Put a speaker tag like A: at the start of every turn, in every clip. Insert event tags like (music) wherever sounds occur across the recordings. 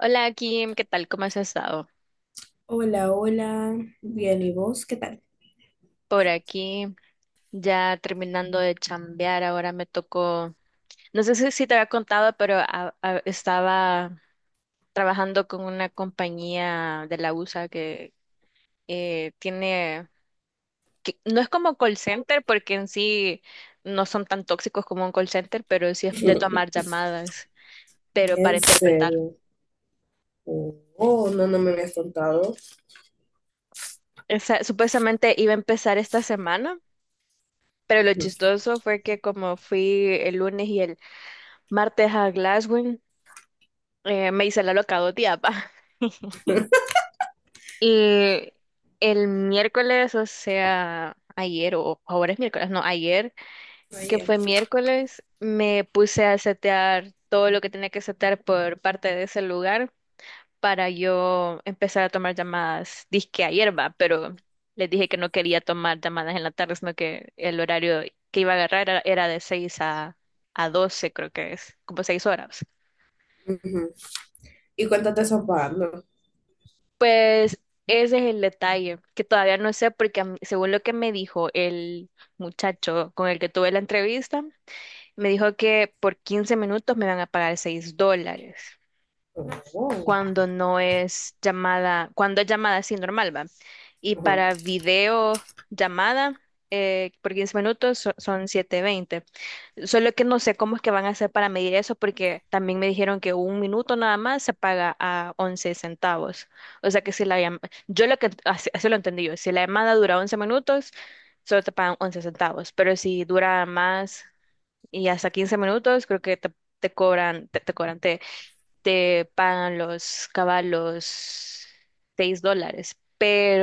A: Hola Kim, ¿qué tal? ¿Cómo has estado?
B: Hola, hola. Bien, ¿y vos qué tal?
A: Por aquí, ya terminando de chambear, ahora me tocó, no sé si te había contado, pero estaba trabajando con una compañía de la USA que tiene, que no es como call center porque en sí no son tan tóxicos como un call center, pero sí es de
B: (laughs)
A: tomar llamadas, pero para
B: En
A: interpretar.
B: serio. Oh, no, no me habías contado.
A: Supuestamente iba a empezar esta semana. Pero lo
B: Ujú.
A: chistoso fue que como fui el lunes y el martes a Glasgow, me hice la loca 2 días, (laughs) va. Y el miércoles, o sea, ayer, o ahora es miércoles, no, ayer, que
B: Ayer.
A: fue miércoles, me puse a setear todo lo que tenía que setear por parte de ese lugar para yo empezar a tomar llamadas, disque ayer, va, pero les dije que no quería tomar llamadas en la tarde, sino que el horario que iba a agarrar era de 6 a 12, creo que es, como 6 horas.
B: Ujú. Y cuéntate eso pagando.
A: Pues ese es el detalle, que todavía no sé, porque según lo que me dijo el muchacho con el que tuve la entrevista, me dijo que por 15 minutos me van a pagar $6
B: Oh,
A: cuando no es llamada, cuando es llamada así normal, ¿va? Y
B: ajá,
A: para video llamada por 15 minutos son 720. Solo que no sé cómo es que van a hacer para medir eso, porque también me dijeron que 1 minuto nada más se paga a 11 centavos. O sea que si la llamada, yo lo que, así lo entendí yo, si la llamada dura 11 minutos, solo te pagan 11 centavos, pero si dura más y hasta 15 minutos, creo que te, cobran, te cobran, te pagan los caballos $6,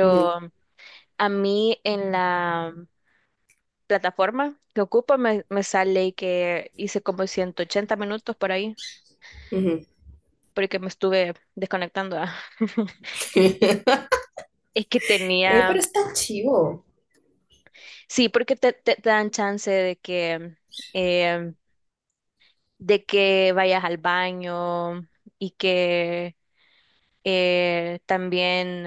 B: ujú,
A: a mí en la plataforma que ocupo me sale que hice como 180 minutos por ahí,
B: ujú.
A: porque me estuve desconectando. Ah. (laughs)
B: (laughs)
A: Es que
B: Ey, pero
A: tenía,
B: está chivo.
A: sí, porque te dan chance eh, de que vayas al baño y que también,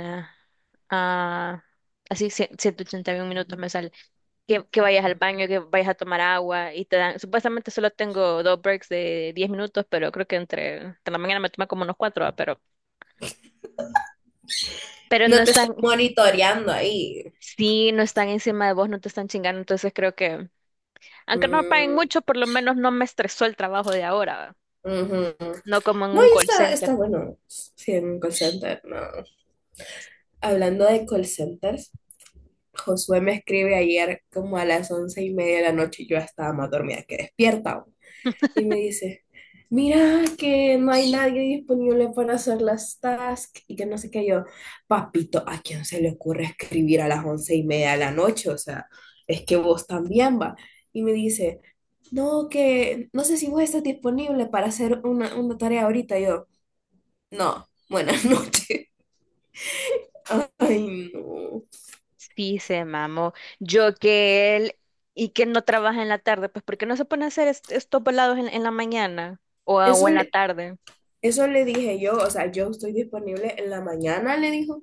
A: ah, así, 181 minutos me sale, que, vayas al baño, que vayas a tomar agua y te dan, supuestamente solo tengo 2 breaks de 10 minutos, pero creo que entre la mañana me toma como unos cuatro, pero no
B: No te están
A: están,
B: monitoreando ahí.
A: sí, no están encima de vos, no te están chingando, entonces creo que, aunque no me paguen
B: Mm,
A: mucho, por lo menos no me estresó el trabajo de ahora, ¿va?
B: ujú.
A: No como en
B: No,
A: un
B: y
A: call
B: está, está
A: center.
B: bueno. Sí, en un call center, no. Hablando de call centers, Josué me escribe ayer como a las once y media de la noche y yo estaba más dormida que despierta. Y me dice, mira que no hay nadie disponible para hacer las tasks y que no sé qué yo, papito, ¿a quién se le ocurre escribir a las once y media de la noche? O sea, es que vos también va. Y me dice, no, que no sé si vos estás disponible para hacer una tarea ahorita. Y yo, no, buenas noches. (laughs) Ay, no.
A: Sí, se mamó. Yo que él y que no trabaja en la tarde, pues ¿por qué no se pone a hacer estos volados en la mañana o
B: Eso,
A: en la tarde?
B: Eso le dije yo, o sea, yo estoy disponible en la mañana, le dijo,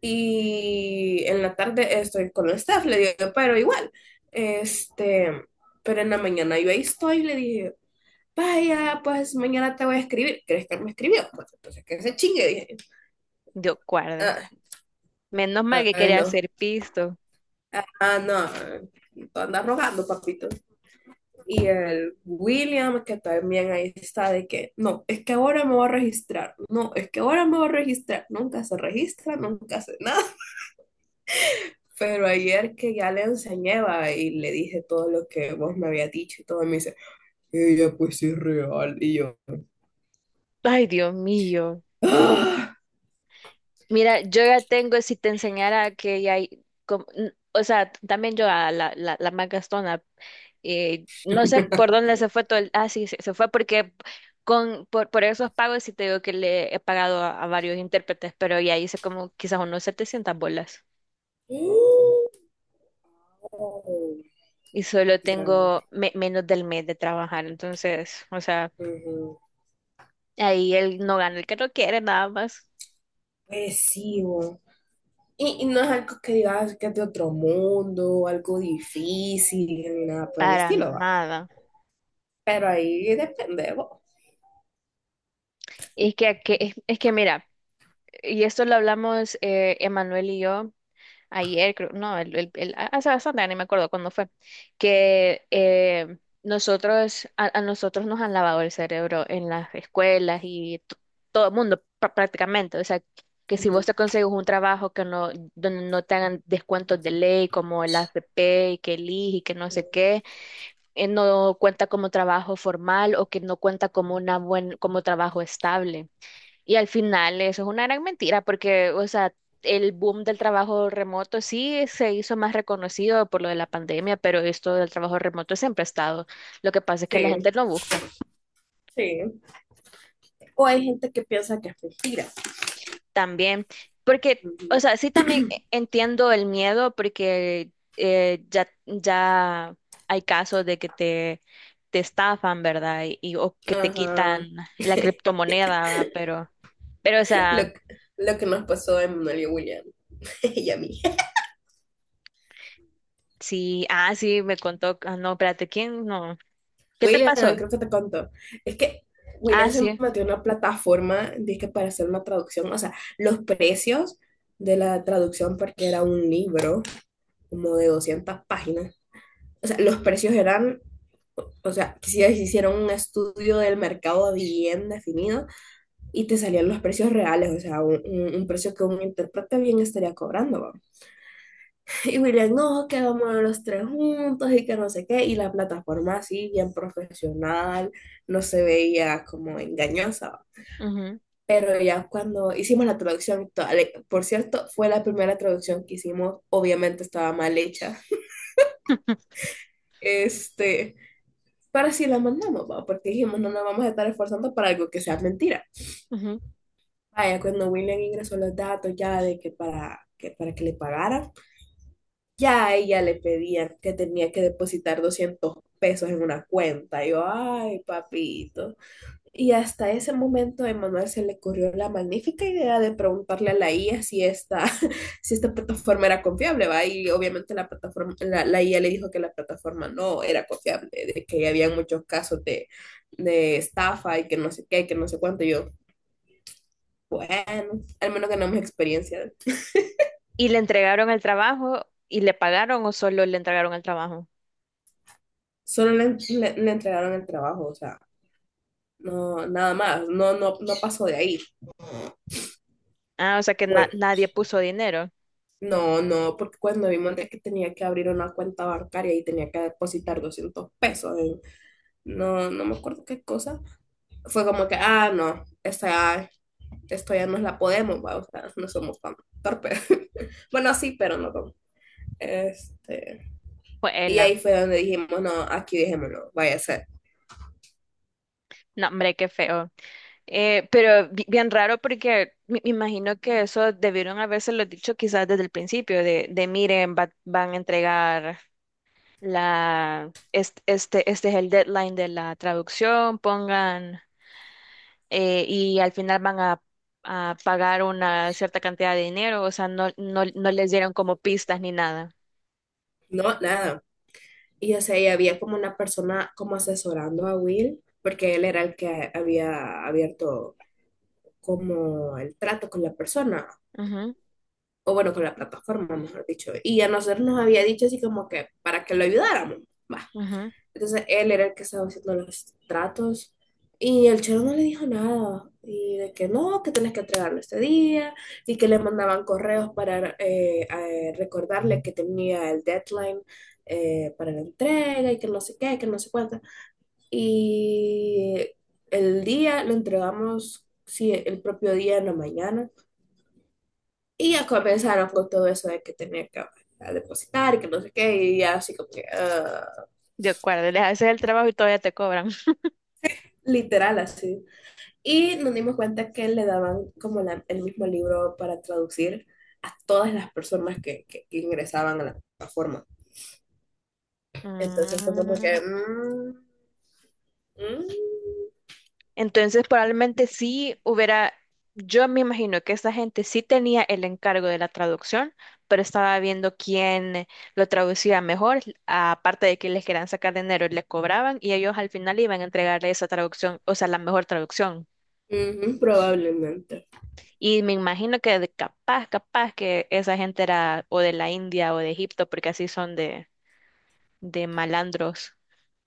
B: y en la tarde estoy con el staff, le digo, pero igual, este, pero en la mañana yo ahí estoy, le dije, vaya, pues mañana te voy a escribir, ¿crees que me escribió? Pues entonces que se chingue, dije,
A: Dios guarde.
B: ah,
A: Menos mal que
B: ay
A: quería
B: no,
A: hacer pisto.
B: ah no, tú andas rogando, papito. Y el William, que también ahí está, de que, no, es que ahora me voy a registrar, no, es que ahora me voy a registrar, nunca se registra, nunca hace nada. Pero ayer que ya le enseñé va, y le dije todo lo que vos me habías dicho y todo, me dice, ella pues sí es real. Y yo,
A: Ay, Dios mío.
B: ¡ah!
A: Mira, yo ya tengo, si te enseñara que ya hay, o sea, también yo a la más gastona, no sé por dónde se fue todo el, sí, se fue porque por esos pagos sí te digo que le he pagado a varios intérpretes, pero ya hice como quizás unos 700 bolas
B: ¡Uh! Oh,
A: y solo
B: drama.
A: tengo menos del mes de trabajar, entonces, o sea,
B: Ujú.
A: ahí él no gana el que no quiere nada más,
B: Pues sí, vos. Y no es algo que digas que es de otro mundo, algo difícil, ni nada por el
A: para
B: estilo, va.
A: nada.
B: Pero ahí depende, de vos.
A: Es que mira. Y esto lo hablamos Emanuel y yo ayer, creo, no, hace bastante, ya ni me acuerdo cuándo fue, que nosotros, a nosotros nos han lavado el cerebro en las escuelas y todo el mundo prácticamente. O sea, que si vos
B: Ujú.
A: te consigues un trabajo que no, donde no te hagan descuentos de ley como el AFP y que el IJ y que no sé qué, no cuenta como trabajo formal o que no cuenta como una buen, como trabajo estable. Y al final eso es una gran mentira porque, o sea, el boom del trabajo remoto sí se hizo más reconocido por lo de la pandemia, pero esto del trabajo remoto siempre ha estado. Lo que pasa es que la
B: Sí,
A: gente lo busca
B: sí. O hay gente que piensa que es mentira.
A: también, porque, o
B: Ujú.
A: sea, sí también entiendo el miedo porque ya hay casos de que te, estafan, ¿verdad? O que te quitan
B: Ajá.
A: la
B: (laughs)
A: criptomoneda, ¿va? Pero, o
B: lo,
A: sea...
B: lo que nos pasó a Emanuel y William (laughs) y a mí.
A: Sí, sí, me contó, no, espérate, ¿quién? No. ¿Qué te
B: William,
A: pasó?
B: creo que te contó. Es que William
A: Ah,
B: se
A: sí.
B: metió en una plataforma dizque para hacer una traducción. O sea, los precios de la traducción, porque era un libro como de 200 páginas. O sea, los precios eran, o sea, si hicieron un estudio del mercado bien definido y te salían los precios reales, o sea, un precio que un intérprete bien estaría cobrando. Y William, no, que vamos a los tres juntos y que no sé qué. Y la plataforma así, bien profesional, no se veía como engañosa.
A: Ujú,
B: Pero ya cuando hicimos la traducción, por cierto, fue la primera traducción que hicimos, obviamente estaba mal hecha.
A: (laughs)
B: Este, pero así la mandamos, ¿va? Porque dijimos, no nos vamos a estar esforzando para algo que sea mentira.
A: ujú.
B: Vaya, cuando William ingresó los datos ya de que que para que le pagaran. Ya a ella le pedían que tenía que depositar 200 pesos en una cuenta. Y yo, ay, papito. Y hasta ese momento a Emanuel se le ocurrió la magnífica idea de preguntarle a la IA (laughs) si esta plataforma era confiable, ¿va? Y obviamente la plataforma, la IA le dijo que la plataforma no era confiable, de que había muchos casos de estafa y que no sé qué, que no sé cuánto. Y yo, bueno, al menos ganamos experiencia.
A: ¿Y le entregaron el trabajo y le pagaron o solo le entregaron el trabajo?
B: Solo le entregaron el trabajo, o sea. No, nada más, no, no, no pasó de ahí.
A: Ah, o sea que
B: Por-
A: nadie puso dinero.
B: no, no, porque cuando vi monté que tenía que abrir una cuenta bancaria y tenía que depositar 200 pesos, no, no me acuerdo qué cosa, fue como que, ah, no, esta, esto ya nos la podemos, va, o sea, no somos tan torpes. (laughs) Bueno, sí, pero no tan- Este,
A: Fue
B: y
A: ella.
B: ahí fue donde dijimos, no, aquí dejémoslo, vaya a ser.
A: No, hombre, qué feo. Pero bien raro porque me imagino que eso debieron habérselo dicho quizás desde el principio, de miren, van a entregar este es el deadline de la traducción, pongan y al final van a pagar una cierta cantidad de dinero, o sea, no, no, no les dieron como pistas ni nada.
B: No, nada. Y o sea, y había como una persona como asesorando a Will, porque él era el que había abierto como el trato con la persona,
A: Ujú,
B: o bueno, con la plataforma, mejor dicho. Y a nosotros nos había dicho así como que para que lo ayudáramos. Va.
A: ujú.
B: Entonces él era el que estaba haciendo los tratos y el chero no le dijo nada. Y de que no, que tenés que entregarlo este día, y que le mandaban correos para recordarle que tenía el deadline para la entrega y que no sé qué, que no sé cuánto, y el día lo entregamos, sí, el propio día en la mañana. Y ya comenzaron con todo eso de que tenía que a depositar y que no sé qué, y ya así como que, ah,
A: De acuerdo, les haces el trabajo y todavía te cobran. (laughs)
B: literal así. Y nos dimos cuenta que le daban como el mismo libro para traducir a todas las personas que, que ingresaban a la plataforma. Entonces fue como
A: Mm,
B: que, mm, mm,
A: Entonces, probablemente sí hubiera, yo me imagino que esta gente sí tenía el encargo de la traducción, pero estaba viendo quién lo traducía mejor, aparte de que les querían sacar dinero, le cobraban y ellos al final iban a entregarle esa traducción, o sea, la mejor traducción.
B: ujú, probablemente,
A: Y me imagino que capaz, capaz que esa gente era o de la India o de Egipto, porque así son de, malandros.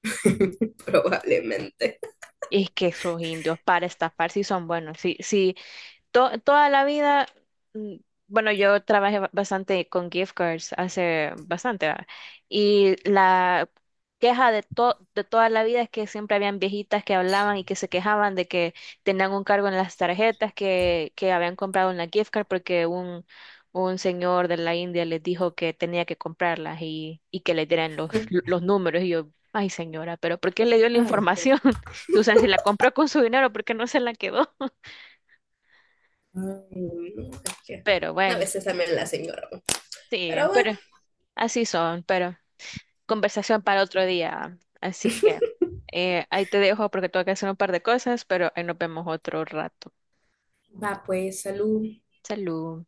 B: (laughs) probablemente.
A: Y es que esos indios para estafar sí son buenos. Sí, sí, toda la vida, mm, bueno, yo trabajé bastante con gift cards hace bastante, ¿va? Y la queja de toda la vida es que siempre habían viejitas que hablaban y que se quejaban de que tenían un cargo en las tarjetas que habían comprado en la gift card porque un señor de la India les dijo que tenía que comprarlas y que le dieran los números. Y yo, ay señora, pero ¿por qué le dio la
B: Ay, por
A: información?
B: favor.
A: (laughs) O sea, si la compró con su dinero, ¿por qué no se la quedó? (laughs)
B: Ay, no, es que
A: Pero
B: a
A: bueno.
B: veces también la señora.
A: Sí,
B: Pero bueno,
A: pero así son, pero conversación para otro día. Así que ahí te dejo porque tengo que hacer un par de cosas, pero ahí nos vemos otro rato.
B: va pues, salud.
A: Salud.